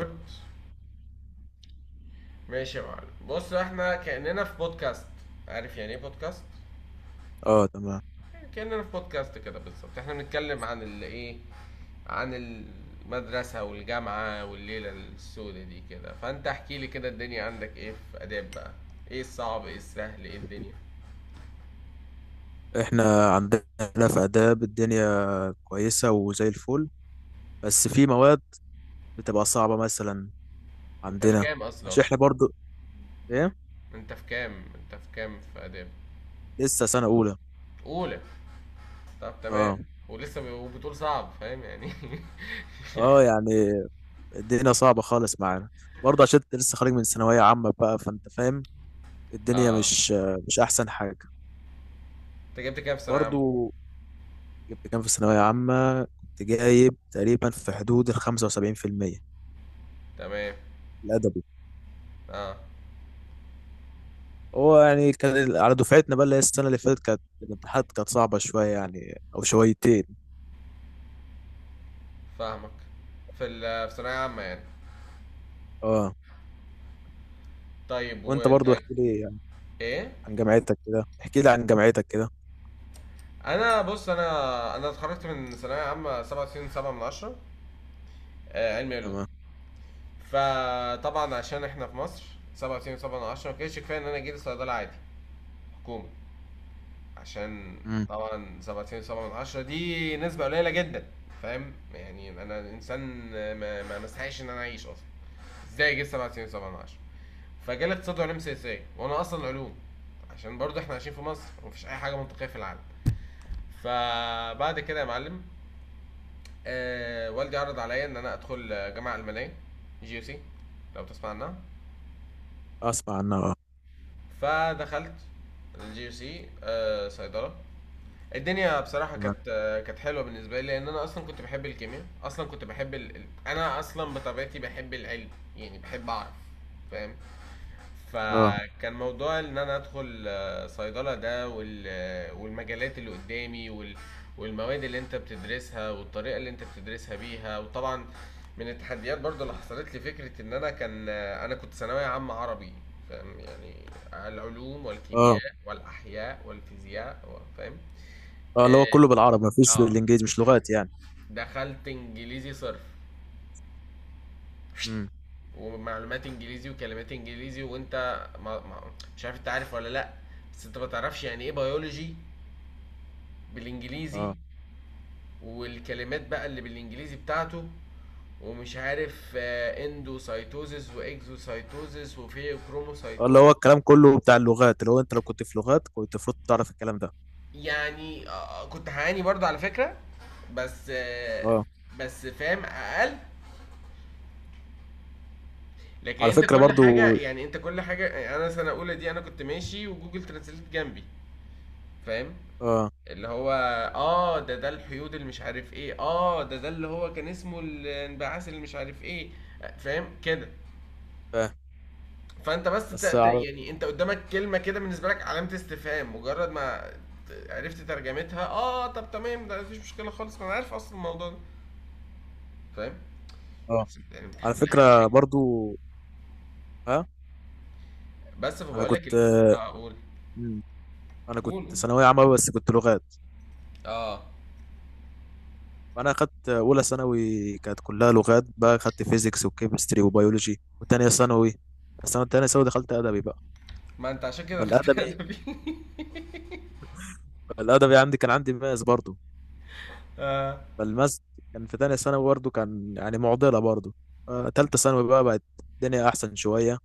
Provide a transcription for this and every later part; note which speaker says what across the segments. Speaker 1: ريكورد. ماشي يا معلم، بص احنا كأننا في بودكاست. عارف يعني ايه بودكاست؟
Speaker 2: اه تمام.
Speaker 1: كأننا في بودكاست كده بالظبط. احنا بنتكلم عن ال ايه، عن المدرسة والجامعة والليلة السودة دي كده، فانت احكي لي كده، الدنيا عندك ايه في آداب بقى؟ ايه الصعب، ايه السهل، ايه الدنيا؟
Speaker 2: احنا عندنا في آداب الدنيا كويسة وزي الفل، بس في مواد بتبقى صعبة مثلا،
Speaker 1: انت في
Speaker 2: عندنا
Speaker 1: كام اصلا؟
Speaker 2: عشان احنا برضو. ايه
Speaker 1: انت في كام في آداب؟
Speaker 2: لسه سنة أولى.
Speaker 1: اولى؟ طب تمام.
Speaker 2: اه
Speaker 1: وبتقول صعب، فاهم يعني.
Speaker 2: اه يعني الدنيا صعبة خالص معانا، برضه عشان انت لسه خارج من ثانوية عامة بقى فانت فاهم الدنيا
Speaker 1: اه.
Speaker 2: مش أحسن حاجة.
Speaker 1: انت جبت كام في ثانوية عامة؟
Speaker 2: برضه جبت كام في ثانوية عامة، كنت جايب تقريبا في حدود 75%،
Speaker 1: تمام.
Speaker 2: الأدبي.
Speaker 1: اه،
Speaker 2: هو يعني كان على دفعتنا بقى، اللي هي السنة اللي فاتت كانت الامتحانات كانت صعبة شوية يعني أو شويتين.
Speaker 1: فاهمك. في ثانوية عامة يعني.
Speaker 2: اه
Speaker 1: طيب
Speaker 2: وأنت
Speaker 1: وانت؟
Speaker 2: برضو احكي لي يعني
Speaker 1: ايه؟
Speaker 2: عن جامعتك كده، احكي لي عن جامعتك كده.
Speaker 1: انا بص، انا اتخرجت من ثانوية عامة 97 7 من 10. علمي علوم.
Speaker 2: تمام.
Speaker 1: فطبعا عشان احنا في مصر، 97 7 من 10 ما كانش كفاية ان انا جيت صيدلة عادي، حكومة، عشان...
Speaker 2: امم.
Speaker 1: طبعا 97 7 من 10 دي نسبة قليلة جدا. فاهم يعني انا انسان ما استحقش ان انا اعيش اصلا. ازاي جيت 97 7 من 10؟ فجالي اقتصاد وعلوم سياسيه، وانا اصلا علوم، عشان برضه احنا عايشين في مصر ومفيش اي حاجه منطقيه في العالم. فبعد كده يا معلم، والدي عرض عليا ان انا ادخل جامعه المانيه، جي يو سي، لو تسمع عنها.
Speaker 2: أسمع عنها اه.
Speaker 1: فدخلت الجي يو سي، صيدله. الدنيا بصراحه
Speaker 2: تمام.
Speaker 1: كانت كانت حلوه بالنسبه لي، لان انا اصلا كنت بحب الكيمياء، اصلا كنت بحب ال... ال- انا اصلا بطبيعتي بحب العلم. يعني بحب اعرف، فاهم.
Speaker 2: اه.
Speaker 1: فكان موضوع ان انا ادخل صيدلة ده، والمجالات اللي قدامي، والمواد اللي انت بتدرسها والطريقة اللي انت بتدرسها بيها، وطبعا من التحديات برضو اللي حصلت لي فكرة ان انا كان آه، انا كنت ثانوية عامة عربي، فاهم يعني. العلوم
Speaker 2: اه
Speaker 1: والكيمياء والاحياء والفيزياء فاهم.
Speaker 2: اه اللي هو
Speaker 1: اه،
Speaker 2: كله بالعربي مفيش
Speaker 1: آه،
Speaker 2: بالإنجليزي مش لغات يعني.
Speaker 1: دخلت انجليزي صرف،
Speaker 2: امم.
Speaker 1: ومعلومات انجليزي، وكلمات انجليزي، وانت ما ما مش عارف، انت عارف ولا لا؟ بس انت ما تعرفش يعني ايه بيولوجي بالانجليزي،
Speaker 2: اه.
Speaker 1: والكلمات بقى اللي بالانجليزي بتاعته، ومش عارف اندوسايتوزيس واكزوسايتوزيس
Speaker 2: اللي
Speaker 1: وفيوكروموسايتوما.
Speaker 2: هو الكلام كله بتاع اللغات، اللي هو أنت لو كنت في لغات كنت المفروض تعرف الكلام ده.
Speaker 1: يعني كنت هعاني برضه على فكرة. بس آه،
Speaker 2: اه،
Speaker 1: بس فاهم اقل. لكن
Speaker 2: على
Speaker 1: انت
Speaker 2: فكرة
Speaker 1: كل حاجة،
Speaker 2: برضو.
Speaker 1: يعني انت كل حاجة، يعني انا سنة اولى دي انا كنت ماشي وجوجل ترانسليت جنبي، فاهم،
Speaker 2: اه
Speaker 1: اللي هو اه، ده الحيود اللي مش عارف ايه، اه، ده اللي هو كان اسمه الانبعاث اللي مش عارف ايه. فاهم كده.
Speaker 2: فاهم.
Speaker 1: فانت بس
Speaker 2: بس على.
Speaker 1: يعني انت قدامك كلمة كده بالنسبة لك علامة استفهام، مجرد ما عرفت ترجمتها اه، طب تمام، ده مفيش مشكلة خالص، ما انا عارف اصلا الموضوع ده، فاهم.
Speaker 2: اه
Speaker 1: بس يعني
Speaker 2: على
Speaker 1: الامتحان في الاخر مش
Speaker 2: فكرة
Speaker 1: هيجي.
Speaker 2: برضو. ها.
Speaker 1: بس
Speaker 2: أنا
Speaker 1: فبقول لك
Speaker 2: كنت
Speaker 1: اه، قول
Speaker 2: انا
Speaker 1: قول
Speaker 2: كنت
Speaker 1: قول.
Speaker 2: ثانويه عامه بس كنت لغات،
Speaker 1: اه.
Speaker 2: فانا اخدت اولى ثانوي كانت كلها لغات بقى، اخدت فيزيكس وكيمستري وبيولوجي، وتانية ثانوي، السنه التانية ثانوي دخلت ادبي بقى.
Speaker 1: ما انت عشان كده دخلت
Speaker 2: فالادبي،
Speaker 1: ادبي.
Speaker 2: الادبي عندي كان عندي ماس برضه.
Speaker 1: اه.
Speaker 2: فالماس كان في تانية ثانوي برضه كان يعني معضله برضه. تالتة ثانوي بقى بقت الدنيا احسن شويه،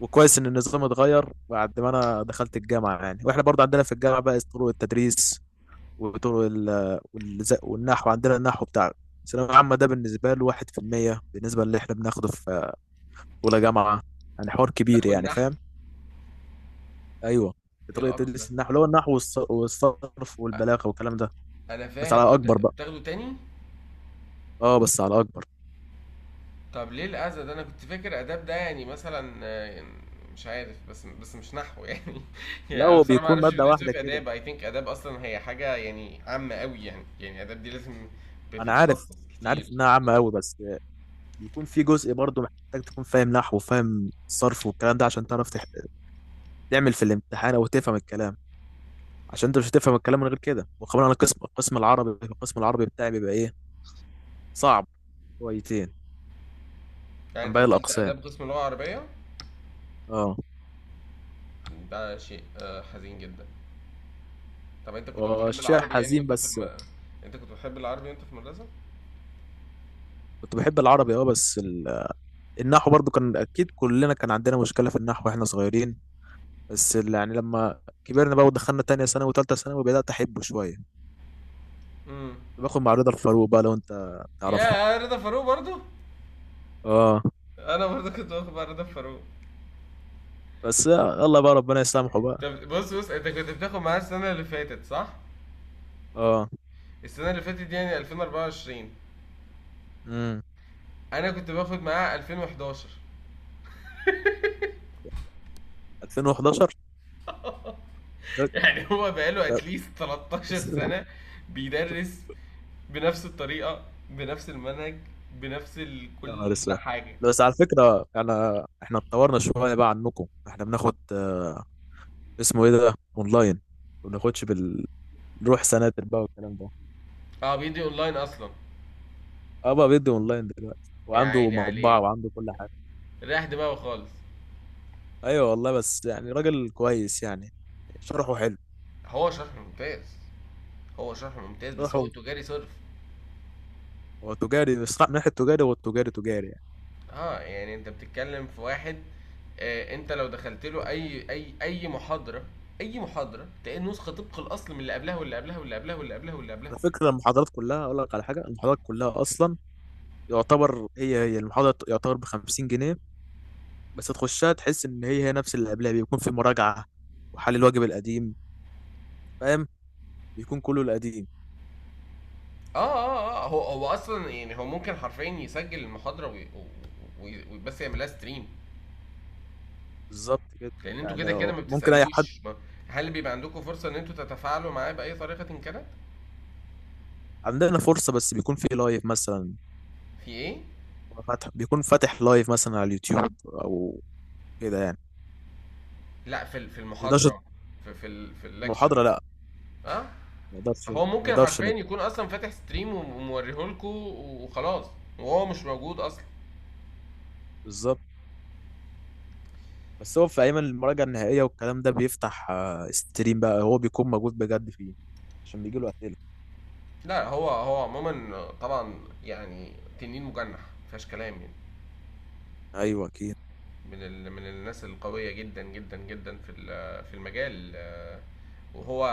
Speaker 2: وكويس ان النظام اتغير بعد ما انا دخلت الجامعه. يعني واحنا برضه عندنا في الجامعه بقى طرق التدريس وطرق والنحو. عندنا النحو بتاع الثانوية العامة ده بالنسبة له 1% بالنسبة اللي احنا بناخده في أولى جامعة، يعني حوار كبير
Speaker 1: تاخد
Speaker 2: يعني
Speaker 1: نحو؟
Speaker 2: فاهم. أيوه.
Speaker 1: ايه
Speaker 2: طريقة
Speaker 1: القرف ده؟
Speaker 2: تدريس النحو اللي هو النحو والصرف
Speaker 1: أ-
Speaker 2: والبلاغة والكلام ده،
Speaker 1: انا
Speaker 2: بس
Speaker 1: فاهم،
Speaker 2: على
Speaker 1: انت
Speaker 2: أكبر بقى.
Speaker 1: بتاخده تاني.
Speaker 2: أه بس على أكبر.
Speaker 1: طب ليه الأذى ده؟ أنا كنت فاكر آداب ده يعني مثلًا مش عارف، بس مش نحو يعني.
Speaker 2: لا
Speaker 1: يعني أنا
Speaker 2: هو
Speaker 1: بصراحة ما
Speaker 2: بيكون
Speaker 1: أعرفش
Speaker 2: مادة
Speaker 1: بيدرسوا إيه
Speaker 2: واحدة
Speaker 1: في
Speaker 2: كده.
Speaker 1: آداب. I think آداب أصلًا هي حاجة يعني عامة أوي، يعني، يعني آداب دي لازم
Speaker 2: أنا عارف،
Speaker 1: بتتخصص
Speaker 2: أنا
Speaker 1: كتير،
Speaker 2: عارف إنها عامة أوي، بس بيكون في جزء برضه محتاج تكون فاهم نحو وفاهم صرف والكلام ده عشان تعرف تعمل في الامتحان أو تفهم الكلام، عشان انت مش هتفهم الكلام من غير كده. وكمان انا قسم، القسم العربي، القسم العربي بتاعي بيبقى ايه، صعب شويتين
Speaker 1: يعني
Speaker 2: عن
Speaker 1: أنت
Speaker 2: باقي
Speaker 1: دخلت
Speaker 2: الاقسام.
Speaker 1: آداب قسم لغة عربية؟
Speaker 2: اه.
Speaker 1: ده شيء حزين جدًا. طب أنت كنت بتحب
Speaker 2: وشيء
Speaker 1: العربي يعني،
Speaker 2: حزين
Speaker 1: وأنت في
Speaker 2: بس.
Speaker 1: الم أنت كنت بتحب العربي وأنت في المدرسة؟
Speaker 2: كنت بحب العربي اه، النحو برضو كان اكيد كلنا كان عندنا مشكله في النحو واحنا صغيرين، بس يعني لما كبرنا بقى ودخلنا تانية ثانوي وتالتة ثانوي بدات احبه شويه. كنت
Speaker 1: إمم.
Speaker 2: باخد مع رضا الفاروق بقى، لو انت تعرفه.
Speaker 1: ياه! رضا فاروق برضه!
Speaker 2: اه.
Speaker 1: أنا برضه كنت باخد مع رضا فاروق.
Speaker 2: بس يلا بقى ربنا يسامحه بقى.
Speaker 1: طب بُص، بُص أنت كنت بتاخد معاه السنة اللي فاتت صح؟
Speaker 2: اه.
Speaker 1: السنة اللي فاتت دي يعني 2024.
Speaker 2: امم.
Speaker 1: أنا كنت باخد معاه 2011.
Speaker 2: 2011.
Speaker 1: يعني هو بقاله اتليست 13 سنة بيدرس بنفس الطريقة بنفس المنهج
Speaker 2: يا نهار
Speaker 1: كل
Speaker 2: اسود.
Speaker 1: حاجة.
Speaker 2: بس على فكرة انا، احنا اتطورنا شوية بقى عنكم، احنا بناخد اسمه ايه ده، اونلاين، ما بناخدش بالروح سناتر بقى والكلام ده.
Speaker 1: اه، بيدي اونلاين اصلا.
Speaker 2: اه بقى بيدي اونلاين دلوقتي
Speaker 1: يا
Speaker 2: وعنده
Speaker 1: عيني
Speaker 2: مطبعة
Speaker 1: عليه،
Speaker 2: وعنده كل حاجة.
Speaker 1: رايح دماغه خالص.
Speaker 2: ايوه والله، بس يعني راجل كويس يعني، شرحه حلو.
Speaker 1: هو شرح ممتاز. هو شرح ممتاز بس هو
Speaker 2: شرحه،
Speaker 1: تجاري صرف.
Speaker 2: هو تجاري، بس من ناحية تجاري هو التجاري تجاري يعني.
Speaker 1: اه، يعني انت بتتكلم في واحد، انت لو دخلت له اي محاضره، اي محاضره تلاقي النسخه طبق الاصل من اللي قبلها واللي قبلها واللي قبلها واللي قبلها واللي قبلها.
Speaker 2: على فكرة المحاضرات كلها، اقول لك على حاجة، المحاضرات كلها اصلا يعتبر هي المحاضرة، يعتبر ب 50 جنيه، بس تخشها تحس ان هي نفس اللي قبلها، بيكون في مراجعة وحل الواجب القديم، فاهم، بيكون كله القديم.
Speaker 1: اه، هو اصلا يعني هو ممكن حرفيا يسجل المحاضره وي بس يعملها ستريم،
Speaker 2: بالظبط كده.
Speaker 1: لان انتوا كده
Speaker 2: يعني
Speaker 1: كده ما
Speaker 2: ممكن اي حد.
Speaker 1: بتسالوش. ما هل بيبقى عندكم فرصه ان انتوا تتفاعلوا معاه باي طريقه إن كانت؟
Speaker 2: عندنا فرصة بس بيكون في لايف مثلا،
Speaker 1: في ايه؟
Speaker 2: فاتح، بيكون فاتح لايف مثلا على اليوتيوب او كده يعني.
Speaker 1: لا، في
Speaker 2: ما يقدرش.
Speaker 1: المحاضره، في الليكتشر.
Speaker 2: محاضرة لا.
Speaker 1: اه.
Speaker 2: ما يقدرش.
Speaker 1: فهو
Speaker 2: ما
Speaker 1: ممكن
Speaker 2: يقدرش
Speaker 1: حرفيا
Speaker 2: نت-
Speaker 1: يكون اصلا فاتح ستريم وموريهولكوا وخلاص، وهو مش موجود اصلا.
Speaker 2: بالظبط. بس هو في ايام المراجعة النهائية والكلام ده بيفتح ستريم بقى، هو بيكون موجود بجد فيه، عشان بيجي له اسئلة.
Speaker 1: لا، هو عموما طبعا يعني تنين مجنح، مفيهاش كلام يعني،
Speaker 2: ايوه اكيد.
Speaker 1: من الناس القويه جدا جدا جدا في المجال، وهو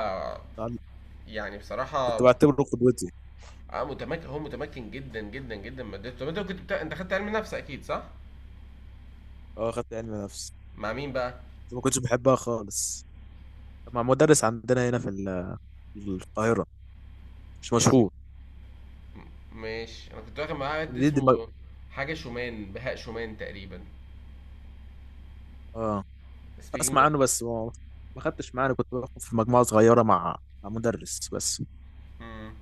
Speaker 1: يعني
Speaker 2: كنت
Speaker 1: بصراحه
Speaker 2: بعتبره قدوتي.
Speaker 1: متمكن، هو متمكن جدا جدا جدا من مادته. طب انت انت خدت علم نفس اكيد صح؟
Speaker 2: اه خدت علم نفس،
Speaker 1: مع مين بقى؟
Speaker 2: ما كنتش بحبها خالص. مع مدرس عندنا هنا في القاهرة، مش
Speaker 1: اسم
Speaker 2: مشهور.
Speaker 1: م- ماشي، انا كنت واخد معاه حد
Speaker 2: دي دي مج...
Speaker 1: اسمه حاجه شومان، بهاء شومان تقريبا.
Speaker 2: اه
Speaker 1: Speaking
Speaker 2: اسمع
Speaker 1: of...
Speaker 2: عنه، بس ما ما خدتش معانا، كنت باخد في مجموعة صغيرة مع مدرس بس.
Speaker 1: امم.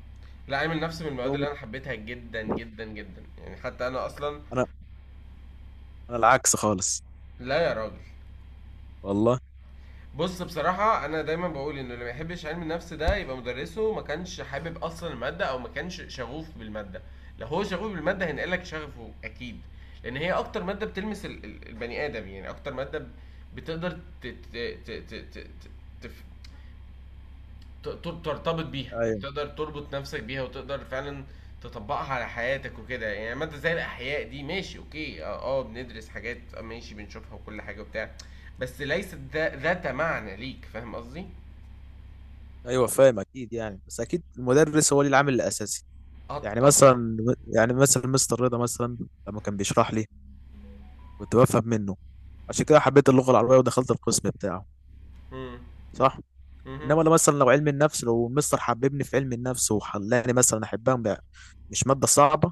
Speaker 1: لا، علم النفس من المواد
Speaker 2: لو
Speaker 1: اللي
Speaker 2: مت-
Speaker 1: انا حبيتها جدا جدا جدا، يعني حتى انا اصلا...
Speaker 2: انا انا العكس خالص.
Speaker 1: لا يا راجل.
Speaker 2: والله.
Speaker 1: بص، بصراحة أنا دايما بقول إنه اللي ما يحبش علم النفس ده يبقى مدرسه ما كانش حابب أصلا المادة، أو ما كانش شغوف بالمادة. لو هو شغوف بالمادة هينقلك شغفه أكيد. لأن هي أكتر مادة بتلمس البني آدم، يعني أكتر مادة بتقدر ت- ت- ت- ت- ت- ت- تف- ت- ت- ترتبط بيها، يعني
Speaker 2: ايوه.
Speaker 1: تقدر تربط نفسك بيها وتقدر فعلا تطبقها على حياتك وكده. يعني مادة زي الأحياء دي، ماشي أوكي، اه بندرس حاجات ماشي بنشوفها وكل حاجة وبتاع، بس ليست ذات معنى ليك، فاهم قصدي؟
Speaker 2: ايوه فاهم اكيد يعني، بس اكيد المدرس هو اللي العامل الاساسي.
Speaker 1: اه
Speaker 2: يعني
Speaker 1: طبعا يعني.
Speaker 2: مثلا يعني مثلا مستر رضا مثلا، لما كان بيشرح لي كنت بفهم منه، عشان كده حبيت اللغة العربية ودخلت القسم بتاعه.
Speaker 1: امم.
Speaker 2: صح.
Speaker 1: امم.
Speaker 2: انما لو مثلا، لو علم النفس لو المستر حببني في علم النفس وخلاني مثلا احبها بقى، مش ماده صعبه،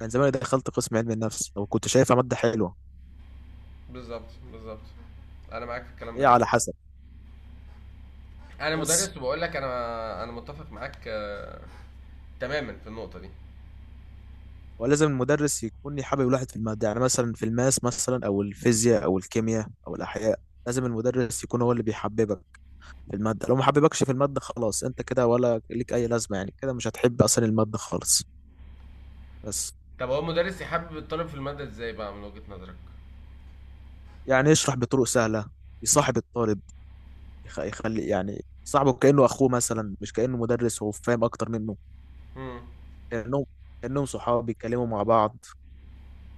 Speaker 2: كان زمان دخلت قسم علم النفس لو كنت شايفها ماده حلوه.
Speaker 1: بالظبط، بالظبط، انا معاك في الكلام ده
Speaker 2: هي
Speaker 1: جدا.
Speaker 2: على حسب
Speaker 1: انا
Speaker 2: بس.
Speaker 1: مدرس وبقول لك انا متفق معاك تماما في النقطة دي.
Speaker 2: ولازم المدرس يكون حابب الواحد في الماده، يعني مثلا في الماس مثلا او الفيزياء او الكيمياء او الاحياء، لازم المدرس يكون هو اللي بيحببك في الماده، لو ما حببكش في الماده خلاص انت كده ولا ليك اي لازمه، يعني كده مش هتحب اصلا الماده خالص. بس.
Speaker 1: طب هو المدرس يحبب الطالب في المادة ازاي بقى من وجهة نظرك؟
Speaker 2: يعني يشرح بطرق سهله، يصاحب الطالب، يخلي يعني صاحبه كأنه أخوه مثلا، مش كأنه مدرس هو فاهم أكتر منه.
Speaker 1: امم.
Speaker 2: كأنهم كأنهم صحاب بيتكلموا مع بعض،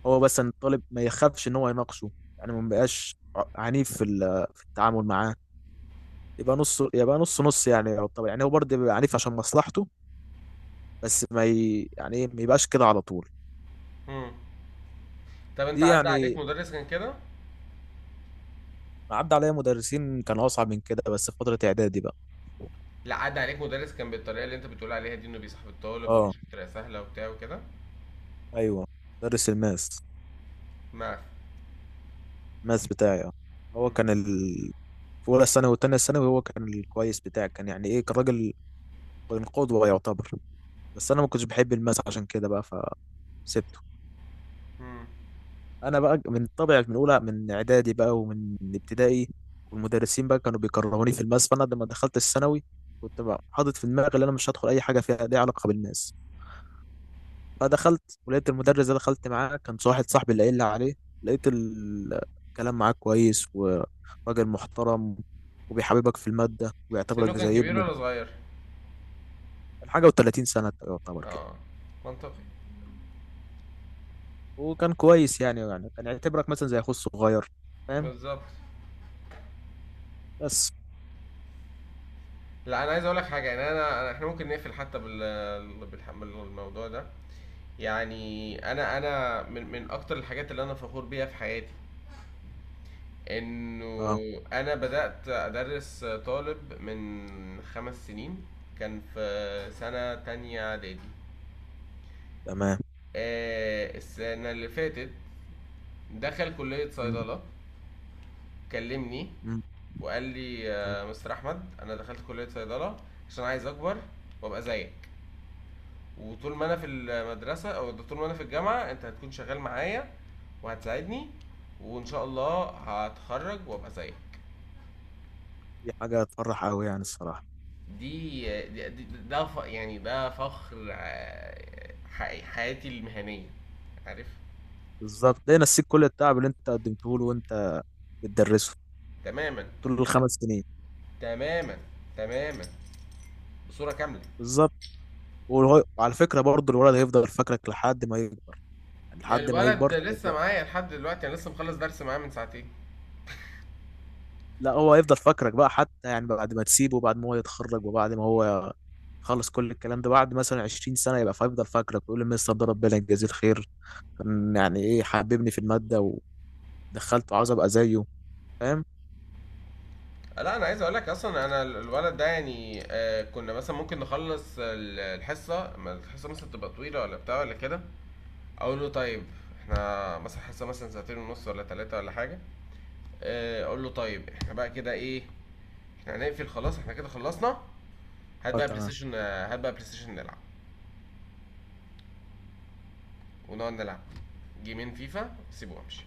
Speaker 2: هو بس إن الطالب ما يخافش إن هو يناقشه. يعني ما بقاش عنيف في التعامل معاه، يبقى نص، يبقى نص يعني، طبعا يعني هو برضه بيبقى عنيف عشان مصلحته، بس ما ي... يعني إيه، ما يبقاش كده على طول.
Speaker 1: امم. طب انت
Speaker 2: دي
Speaker 1: عدى عليك
Speaker 2: يعني
Speaker 1: مدرس كان كده؟
Speaker 2: عدى عليا مدرسين كانوا أصعب من كده، بس في فترة إعدادي بقى.
Speaker 1: لا، عدى عليك مدرس كان بالطريقة اللي انت بتقول عليها دي، انه بيصاحب الطالب
Speaker 2: اه
Speaker 1: ومش بطريقة سهلة وبتاع وكده؟
Speaker 2: ايوه. مدرس الماس،
Speaker 1: ما
Speaker 2: الماس بتاعي اه، هو
Speaker 1: مم.
Speaker 2: كان ال... في اولى ثانوي وتانية ثانوي هو كان الكويس بتاعي، كان يعني ايه، كان راجل، كان قدوة يعتبر، بس انا ما كنتش بحب الماس عشان كده بقى، فسبته.
Speaker 1: مم.
Speaker 2: انا بقى من طبع من اولى من اعدادي بقى ومن ابتدائي والمدرسين بقى كانوا بيكرهوني في الماس، فانا لما دخلت الثانوي كنت بقى حاطط في دماغي ان انا مش هدخل اي حاجه فيها ليها علاقه بالماس، فدخلت ولقيت المدرس ده، دخلت معاه كان واحد صاحبي اللي قايل لي عليه، لقيت الكلام معاه كويس وراجل محترم، وبيحببك في المادة وبيعتبرك
Speaker 1: سنه كان
Speaker 2: زي
Speaker 1: كبير
Speaker 2: ابنه.
Speaker 1: ولا صغير؟
Speaker 2: كان حاجة و30 سنة يعتبر كده.
Speaker 1: اه، منطقي.
Speaker 2: وكان كويس يعني، يعني كان يعتبرك مثلا زي أخوه الصغير، فاهم.
Speaker 1: بالظبط.
Speaker 2: بس.
Speaker 1: لا انا عايز اقول لك حاجة، يعني احنا ممكن نقفل حتى بالموضوع ده. يعني انا من اكتر الحاجات اللي انا فخور بيها في حياتي،
Speaker 2: اه
Speaker 1: انه انا بدأت ادرس طالب من خمس سنين، كان في سنة تانية اعدادي.
Speaker 2: تمام.
Speaker 1: السنة اللي فاتت دخل كلية
Speaker 2: مم.
Speaker 1: صيدلة. كلمني
Speaker 2: مم.
Speaker 1: وقال لي
Speaker 2: تمام.
Speaker 1: مستر أحمد، أنا دخلت كلية صيدلة عشان عايز أكبر وأبقى زيك، وطول ما أنا في المدرسة أو طول ما أنا في الجامعة أنت هتكون شغال معايا وهتساعدني، وإن شاء الله هتخرج وأبقى زيك.
Speaker 2: دي حاجة تفرح أوي يعني الصراحة.
Speaker 1: دي, يعني ده فخر، حياتي المهنية، عارف.
Speaker 2: بالظبط، ده نسيك كل التعب اللي أنت قدمته له وأنت بتدرسه
Speaker 1: تماما.
Speaker 2: طول
Speaker 1: ت-
Speaker 2: الخمس سنين.
Speaker 1: تماما. تماما. بصورة كاملة.
Speaker 2: بالظبط. وعلى فكرة برضه الولد هيفضل فاكرك لحد ما يكبر، لحد ما
Speaker 1: الولد
Speaker 2: يكبر
Speaker 1: ده لسه
Speaker 2: هيبقى-
Speaker 1: معايا لحد دلوقتي، انا لسه مخلص درس معاه من ساعتين.
Speaker 2: لا هو هيفضل فاكرك بقى، حتى يعني بعد ما تسيبه وبعد ما هو يتخرج وبعد ما هو خلص كل الكلام ده، بعد مثلا 20 سنة يبقى فيفضل فاكرك ويقول المستر ده ربنا يجازيه الخير، كان يعني ايه حببني في المادة، ودخلته عاوز ابقى زيه، فاهم.
Speaker 1: لا، انا عايز اقول لك اصلا، انا الولد ده يعني كنا مثلا ممكن نخلص الحصه، ما الحصه مثلا تبقى طويله ولا بتاع ولا كده، اقول له طيب احنا مثلا حصه مثلا ساعتين ونص ولا ثلاثه ولا حاجه. اقول له طيب، احنا بقى كده ايه، احنا هنقفل خلاص، احنا كده خلصنا. هات
Speaker 2: اه
Speaker 1: بقى بلاي
Speaker 2: تمام.
Speaker 1: ستيشن. هات بقى بلاي ستيشن نلعب، ونقعد نلعب جيمين فيفا، سيبه وامشي،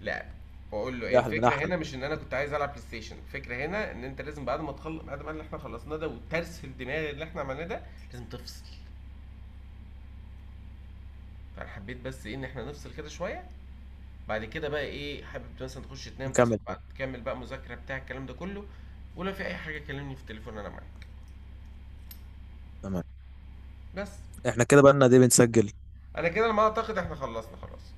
Speaker 1: لعب. واقول له ايه،
Speaker 2: يا احلى من
Speaker 1: الفكره
Speaker 2: احلى.
Speaker 1: هنا مش ان انا كنت عايز العب بلاي ستيشن، الفكره هنا ان انت لازم بعد ما تخلص، بعد ما اللي احنا خلصناه ده وترس الدماغ اللي احنا عملناه ده، لازم تفصل. فانا حبيت بس ايه، ان احنا نفصل كده شويه. بعد كده بقى ايه، حابب مثلا تخش تنام، تصحى
Speaker 2: نكمل.
Speaker 1: بعد تكمل بقى مذاكره بتاع الكلام ده كله. ولو في اي حاجه كلمني في التليفون، انا معاك.
Speaker 2: تمام.
Speaker 1: بس
Speaker 2: احنا كده بقى لنا دي بنسجل.
Speaker 1: انا كده على ما اعتقد احنا خلصنا خلاص.